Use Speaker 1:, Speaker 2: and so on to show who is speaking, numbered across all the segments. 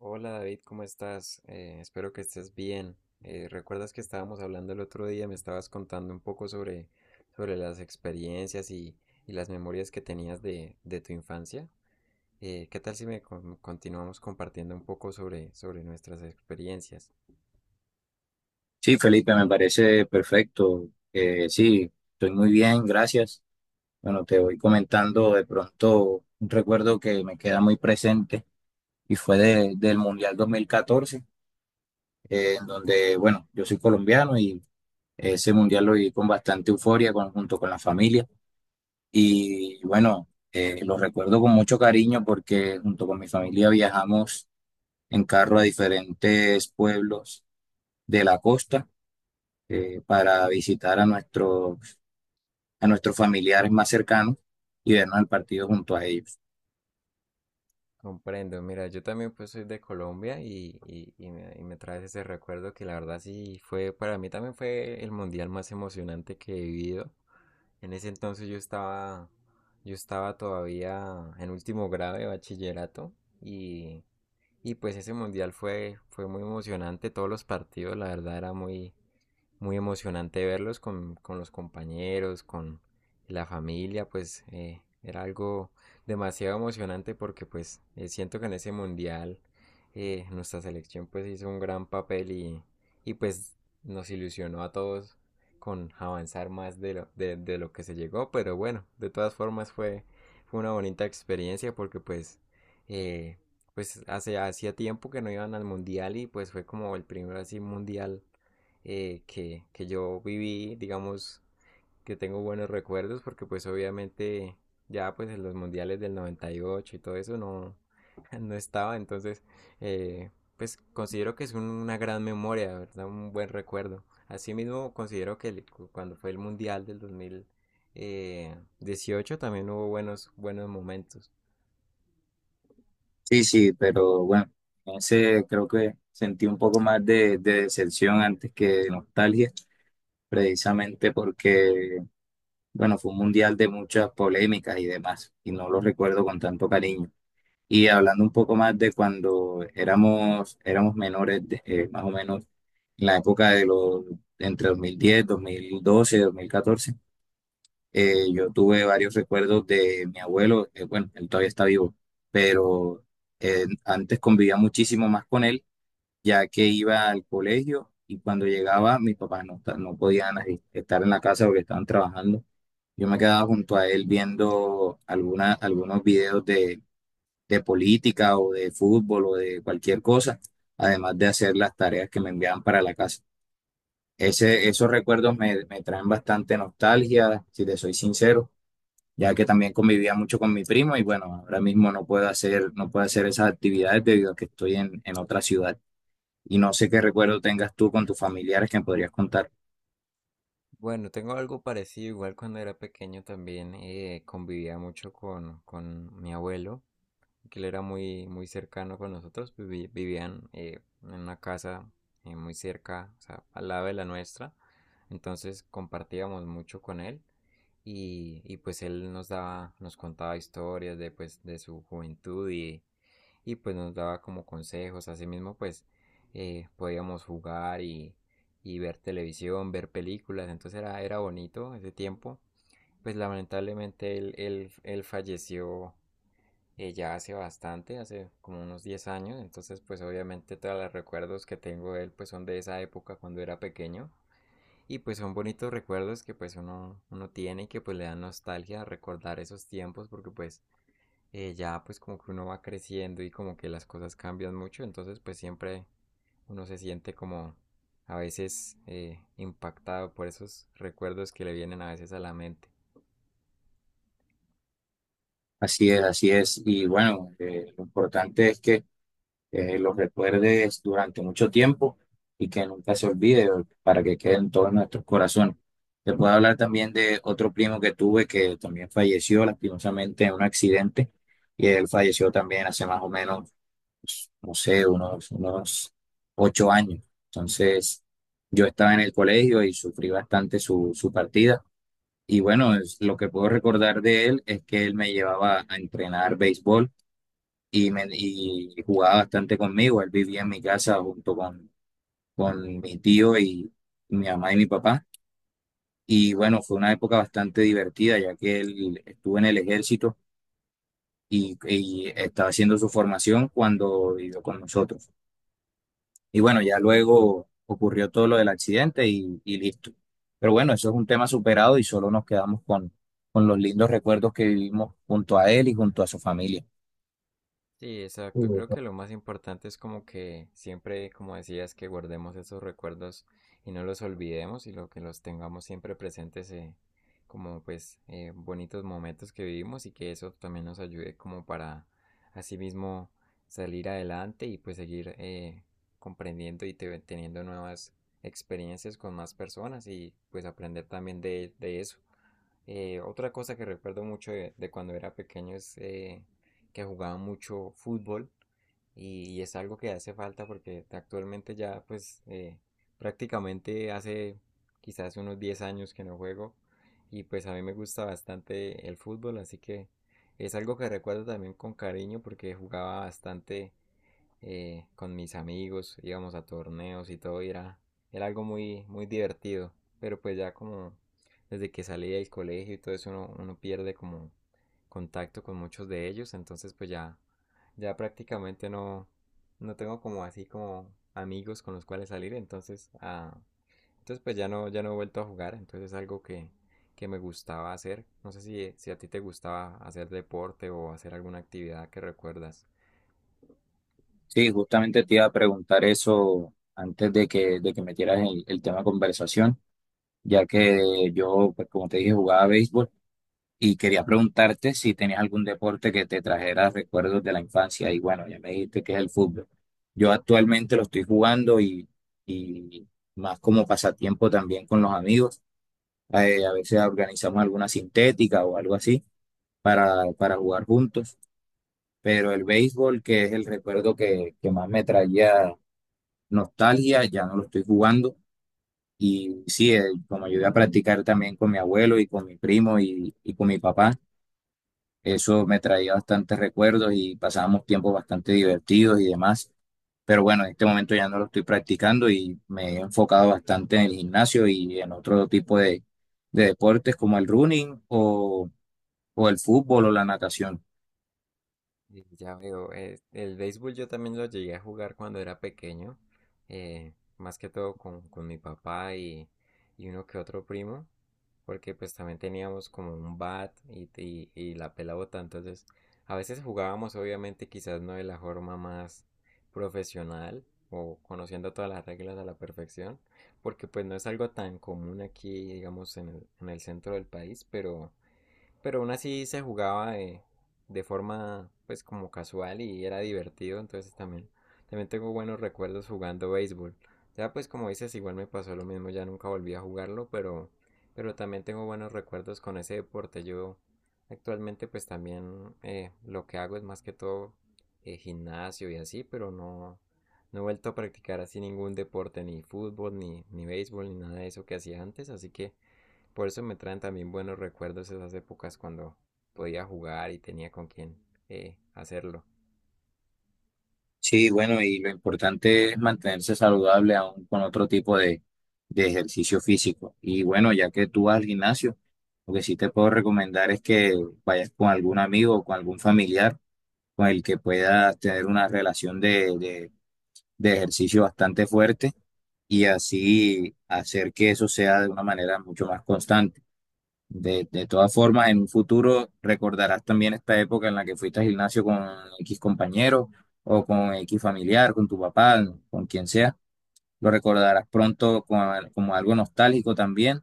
Speaker 1: Hola David, ¿cómo estás? Espero que estés bien. ¿Recuerdas que estábamos hablando el otro día? Me estabas contando un poco sobre, las experiencias y las memorias que tenías de tu infancia. ¿Qué tal si me continuamos compartiendo un poco sobre nuestras experiencias?
Speaker 2: Sí, Felipe, me parece perfecto. Sí, estoy muy bien, gracias. Bueno, te voy comentando de pronto un recuerdo que me queda muy presente y fue del Mundial 2014, en donde, bueno, yo soy colombiano y ese Mundial lo viví con bastante euforia junto con la familia. Y bueno, lo recuerdo con mucho cariño porque junto con mi familia viajamos en carro a diferentes pueblos de la costa para visitar a nuestros familiares más cercanos y vernos el partido junto a ellos.
Speaker 1: Comprendo, mira, yo también pues soy de Colombia y me traes ese recuerdo que la verdad para mí también fue el mundial más emocionante que he vivido. En ese entonces yo estaba, todavía en último grado de bachillerato y, y, pues ese mundial fue muy emocionante, todos los partidos, la verdad era muy, muy emocionante verlos con los compañeros, con la familia, pues era algo demasiado emocionante porque pues siento que en ese mundial nuestra selección pues hizo un gran papel y, pues nos ilusionó a todos con avanzar más de lo que se llegó, pero bueno, de todas formas fue una bonita experiencia porque pues, eh, pues hacía tiempo que no iban al mundial y pues fue como el primero así mundial que yo viví, digamos, que tengo buenos recuerdos, porque pues obviamente ya pues en los mundiales del 98 y todo eso no, no estaba, entonces eh, pues considero que es una gran memoria, ¿verdad? Un buen recuerdo. Asimismo, considero que cuando fue el mundial del dos mil dieciocho también hubo buenos, momentos.
Speaker 2: Sí, sí, pero bueno, ese creo que sentí un poco más de decepción antes que de nostalgia, precisamente porque, bueno, fue un mundial de muchas polémicas y demás, y no lo recuerdo con tanto cariño. Y hablando un poco más de cuando éramos menores, más o menos en la época de los, entre dos mil diez dos mil doce dos mil catorce. Yo tuve varios recuerdos de mi abuelo, bueno, él todavía está vivo, pero antes convivía muchísimo más con él, ya que iba al colegio y cuando llegaba mis papás no podían ahí estar en la casa porque estaban trabajando. Yo me quedaba junto a él viendo algunos videos de política o de fútbol o de cualquier cosa, además de hacer las tareas que me enviaban para la casa. Esos recuerdos me traen bastante nostalgia, si te soy sincero, ya que también convivía mucho con mi primo y bueno, ahora mismo no puedo hacer esas actividades debido a que estoy en otra ciudad. Y no sé qué recuerdo tengas tú con tus familiares que me podrías contar.
Speaker 1: Bueno, tengo algo parecido, igual cuando era pequeño también convivía mucho con mi abuelo que él era muy, muy cercano con nosotros, vivían en una casa muy cerca, o sea, al lado de la nuestra, entonces compartíamos mucho con él y, pues él nos contaba historias de, pues, de su juventud y pues nos daba como consejos, así mismo pues podíamos jugar y, ver televisión, ver películas, entonces era bonito ese tiempo. Pues lamentablemente él falleció ya hace como unos 10 años, entonces pues obviamente todos los recuerdos que tengo de él pues son de esa época cuando era pequeño y pues son bonitos recuerdos que pues uno tiene y que pues le dan nostalgia recordar esos tiempos porque pues ya pues como que uno va creciendo y como que las cosas cambian mucho, entonces pues siempre uno se siente como a veces impactado por esos recuerdos que le vienen a veces a la mente.
Speaker 2: Así es, así es. Y bueno, lo importante es que los recuerdes durante mucho tiempo y que nunca se olvide o- para que queden todos nuestros corazones. Te puedo hablar también de otro primo que tuve que también falleció lastimosamente en un accidente y él falleció también hace más o menos, pues, no sé, unos, unos 8 años. Entonces, yo estaba en el colegio y sufrí bastante su partida. Y bueno, lo que puedo recordar de él es que él me llevaba a entrenar béisbol y, jugaba bastante conmigo. Él vivía en mi casa junto con mi tío y mi mamá y mi papá. Y bueno, fue una época bastante divertida, ya que él estuvo en el ejército y estaba haciendo su formación cuando vivió con nosotros. Y bueno, ya luego ocurrió todo lo del accidente y listo. Pero bueno, eso es un tema superado y solo nos quedamos con los lindos recuerdos que vivimos junto a él y junto a su familia.
Speaker 1: Sí, exacto. Creo que
Speaker 2: Ujú.
Speaker 1: lo más importante es como que siempre, como decías, que guardemos esos recuerdos y no los olvidemos y lo que los tengamos siempre presentes como pues bonitos momentos que vivimos y que eso también nos ayude como para así mismo salir adelante y pues seguir comprendiendo y teniendo nuevas experiencias con más personas y pues aprender también de, eso. Otra cosa que recuerdo mucho de cuando era pequeño es que jugaba mucho fútbol y es algo que hace falta porque actualmente ya pues prácticamente hace quizás unos 10 años que no juego y pues a mí me gusta bastante el fútbol así que es algo que recuerdo también con cariño porque jugaba bastante con mis amigos, íbamos a torneos y todo, y era, algo muy, muy divertido. Pero pues ya como desde que salí del colegio y todo eso uno, pierde como contacto con muchos de ellos, entonces pues ya, prácticamente no tengo como así como amigos con los cuales salir, entonces pues ya no, he vuelto a jugar, entonces es algo que, me gustaba hacer. No sé si a ti te gustaba hacer deporte o hacer alguna actividad que recuerdas.
Speaker 2: Sí, justamente te iba a preguntar eso antes de que metieras el tema de conversación, ya que yo, pues como te dije, jugaba béisbol. Y quería preguntarte si tenías algún deporte que te trajera recuerdos de la infancia. Y bueno, ya me dijiste que es el fútbol. Yo actualmente lo estoy jugando y más como pasatiempo también con los amigos. A veces organizamos alguna sintética o algo así para jugar juntos. Pero el béisbol, que es el recuerdo que más me traía nostalgia, ya no lo estoy jugando. Y sí, como ayudé a practicar también con mi abuelo y con mi primo y con mi papá. Eso me traía bastantes recuerdos y pasábamos tiempos bastante divertidos y demás. Pero bueno, en este momento ya no lo estoy practicando y me he enfocado bastante en el gimnasio y en otro tipo de deportes como el running o el fútbol o la natación.
Speaker 1: Ya veo, el béisbol yo también lo llegué a jugar cuando era pequeño, más que todo con, mi papá y uno que otro primo, porque pues también teníamos como un bat y la pelota, entonces a veces jugábamos obviamente quizás no de la forma más profesional o conociendo todas las reglas a la perfección, porque pues no es algo tan común aquí, digamos, en el, centro del país, pero... Pero aún así se jugaba de, forma pues como casual y era divertido, entonces también tengo buenos recuerdos jugando béisbol. Ya pues como dices, igual me pasó lo mismo, ya nunca volví a jugarlo, pero también tengo buenos recuerdos con ese deporte. Yo actualmente pues también lo que hago es más que todo gimnasio y así, pero no he vuelto a practicar así ningún deporte, ni fútbol, ni béisbol, ni nada de eso que hacía antes, así que por eso me traen también buenos recuerdos esas épocas cuando podía jugar y tenía con quién hacerlo.
Speaker 2: Sí, bueno, y lo importante es mantenerse saludable aún con otro tipo de ejercicio físico. Y bueno, ya que tú vas al gimnasio, lo que sí te puedo recomendar es que vayas con algún amigo o con algún familiar con el que puedas tener una relación de ejercicio bastante fuerte y así hacer que eso sea de una manera mucho más constante. De todas formas, en un futuro recordarás también esta época en la que fuiste al gimnasio con X compañero o con X familiar, con tu papá, con quien sea. Lo recordarás pronto como algo nostálgico también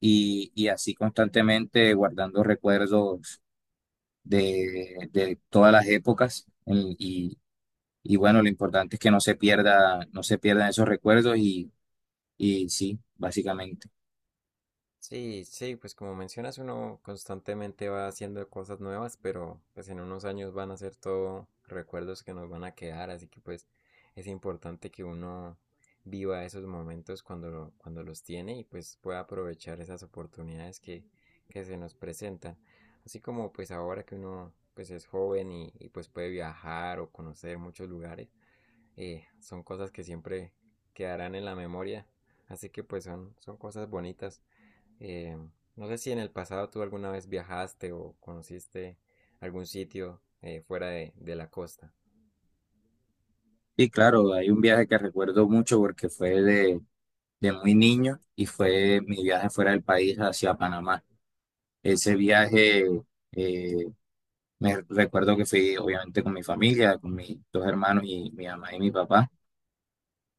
Speaker 2: y así constantemente guardando recuerdos de todas las épocas en-. Y bueno, lo importante es que no se pierdan esos recuerdos y sí, básicamente.
Speaker 1: Sí, sí, pues como mencionas, uno constantemente va haciendo cosas nuevas, pero pues en unos años van a ser todo recuerdos que nos van a quedar, así que pues es importante que uno viva esos momentos cuando los tiene y pues pueda aprovechar esas oportunidades que, se nos presentan. Así como pues ahora que uno pues es joven y pues puede viajar o conocer muchos lugares, son cosas que siempre quedarán en la memoria, así que pues son, son cosas bonitas. Eh, no sé si en el pasado tú alguna vez viajaste o conociste algún sitio fuera de, la costa.
Speaker 2: Y claro, hay un viaje que recuerdo mucho porque fue de muy niño y fue mi viaje fuera del país hacia Panamá. Ese viaje, eh, me recuerdo que fui obviamente con mi familia, con mis dos hermanos y mi mamá y mi papá.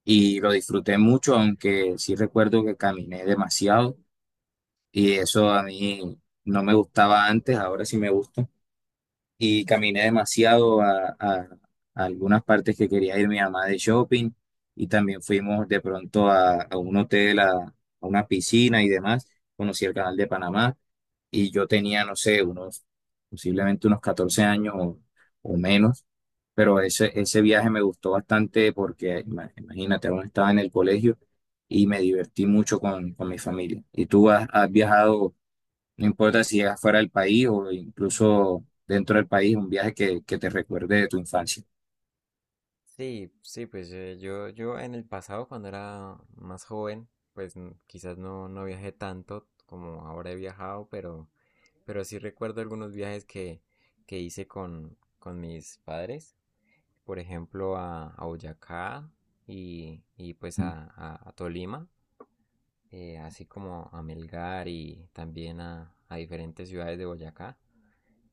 Speaker 2: Y lo disfruté mucho, aunque sí recuerdo que caminé demasiado y eso a mí no me gustaba antes, ahora sí me gusta y caminé demasiado a algunas partes que quería ir mi mamá de shopping y también fuimos de pronto a, a un hotel, a una piscina y demás. Conocí el canal de Panamá y yo tenía, no sé, unos, posiblemente unos 14 años o menos, pero ese viaje me gustó bastante porque imagínate, aún estaba en el colegio y me divertí mucho con mi familia. ¿Y tú has viajado? No importa si es fuera del país o incluso dentro del país, un viaje que te recuerde de tu infancia.
Speaker 1: Sí, sí, pues yo en el pasado cuando era más joven, pues quizás no, viajé tanto como ahora he viajado, pero, sí recuerdo algunos viajes que, hice con mis padres, por ejemplo a, Boyacá y, pues a Tolima. Así como a Melgar y también a diferentes ciudades de Boyacá,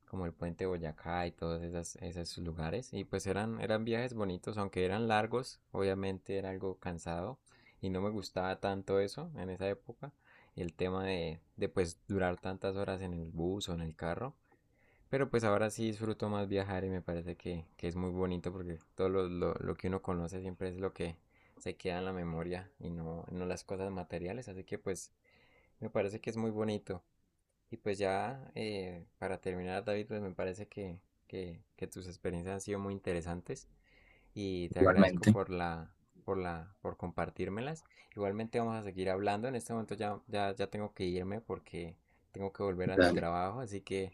Speaker 1: como el puente de Boyacá y todos esos lugares. Y pues eran viajes bonitos, aunque eran largos, obviamente era algo cansado y no me gustaba tanto eso en esa época, el tema de pues durar tantas horas en el bus o en el carro. Pero pues ahora sí disfruto más viajar y me parece que, es muy bonito porque todo lo que uno conoce siempre es lo que se queda en la memoria y no las cosas materiales. Así que pues me parece que es muy bonito. Y pues ya para terminar, David, pues me parece que tus experiencias han sido muy interesantes y te agradezco
Speaker 2: Igualmente.
Speaker 1: por compartírmelas. Igualmente vamos a seguir hablando. En este momento ya, tengo que irme porque tengo que volver a mi
Speaker 2: Dale,
Speaker 1: trabajo, así que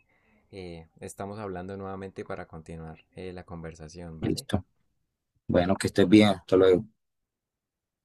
Speaker 1: estamos hablando nuevamente para continuar la conversación, ¿vale?
Speaker 2: listo. Bueno, que estés bien. Hasta luego.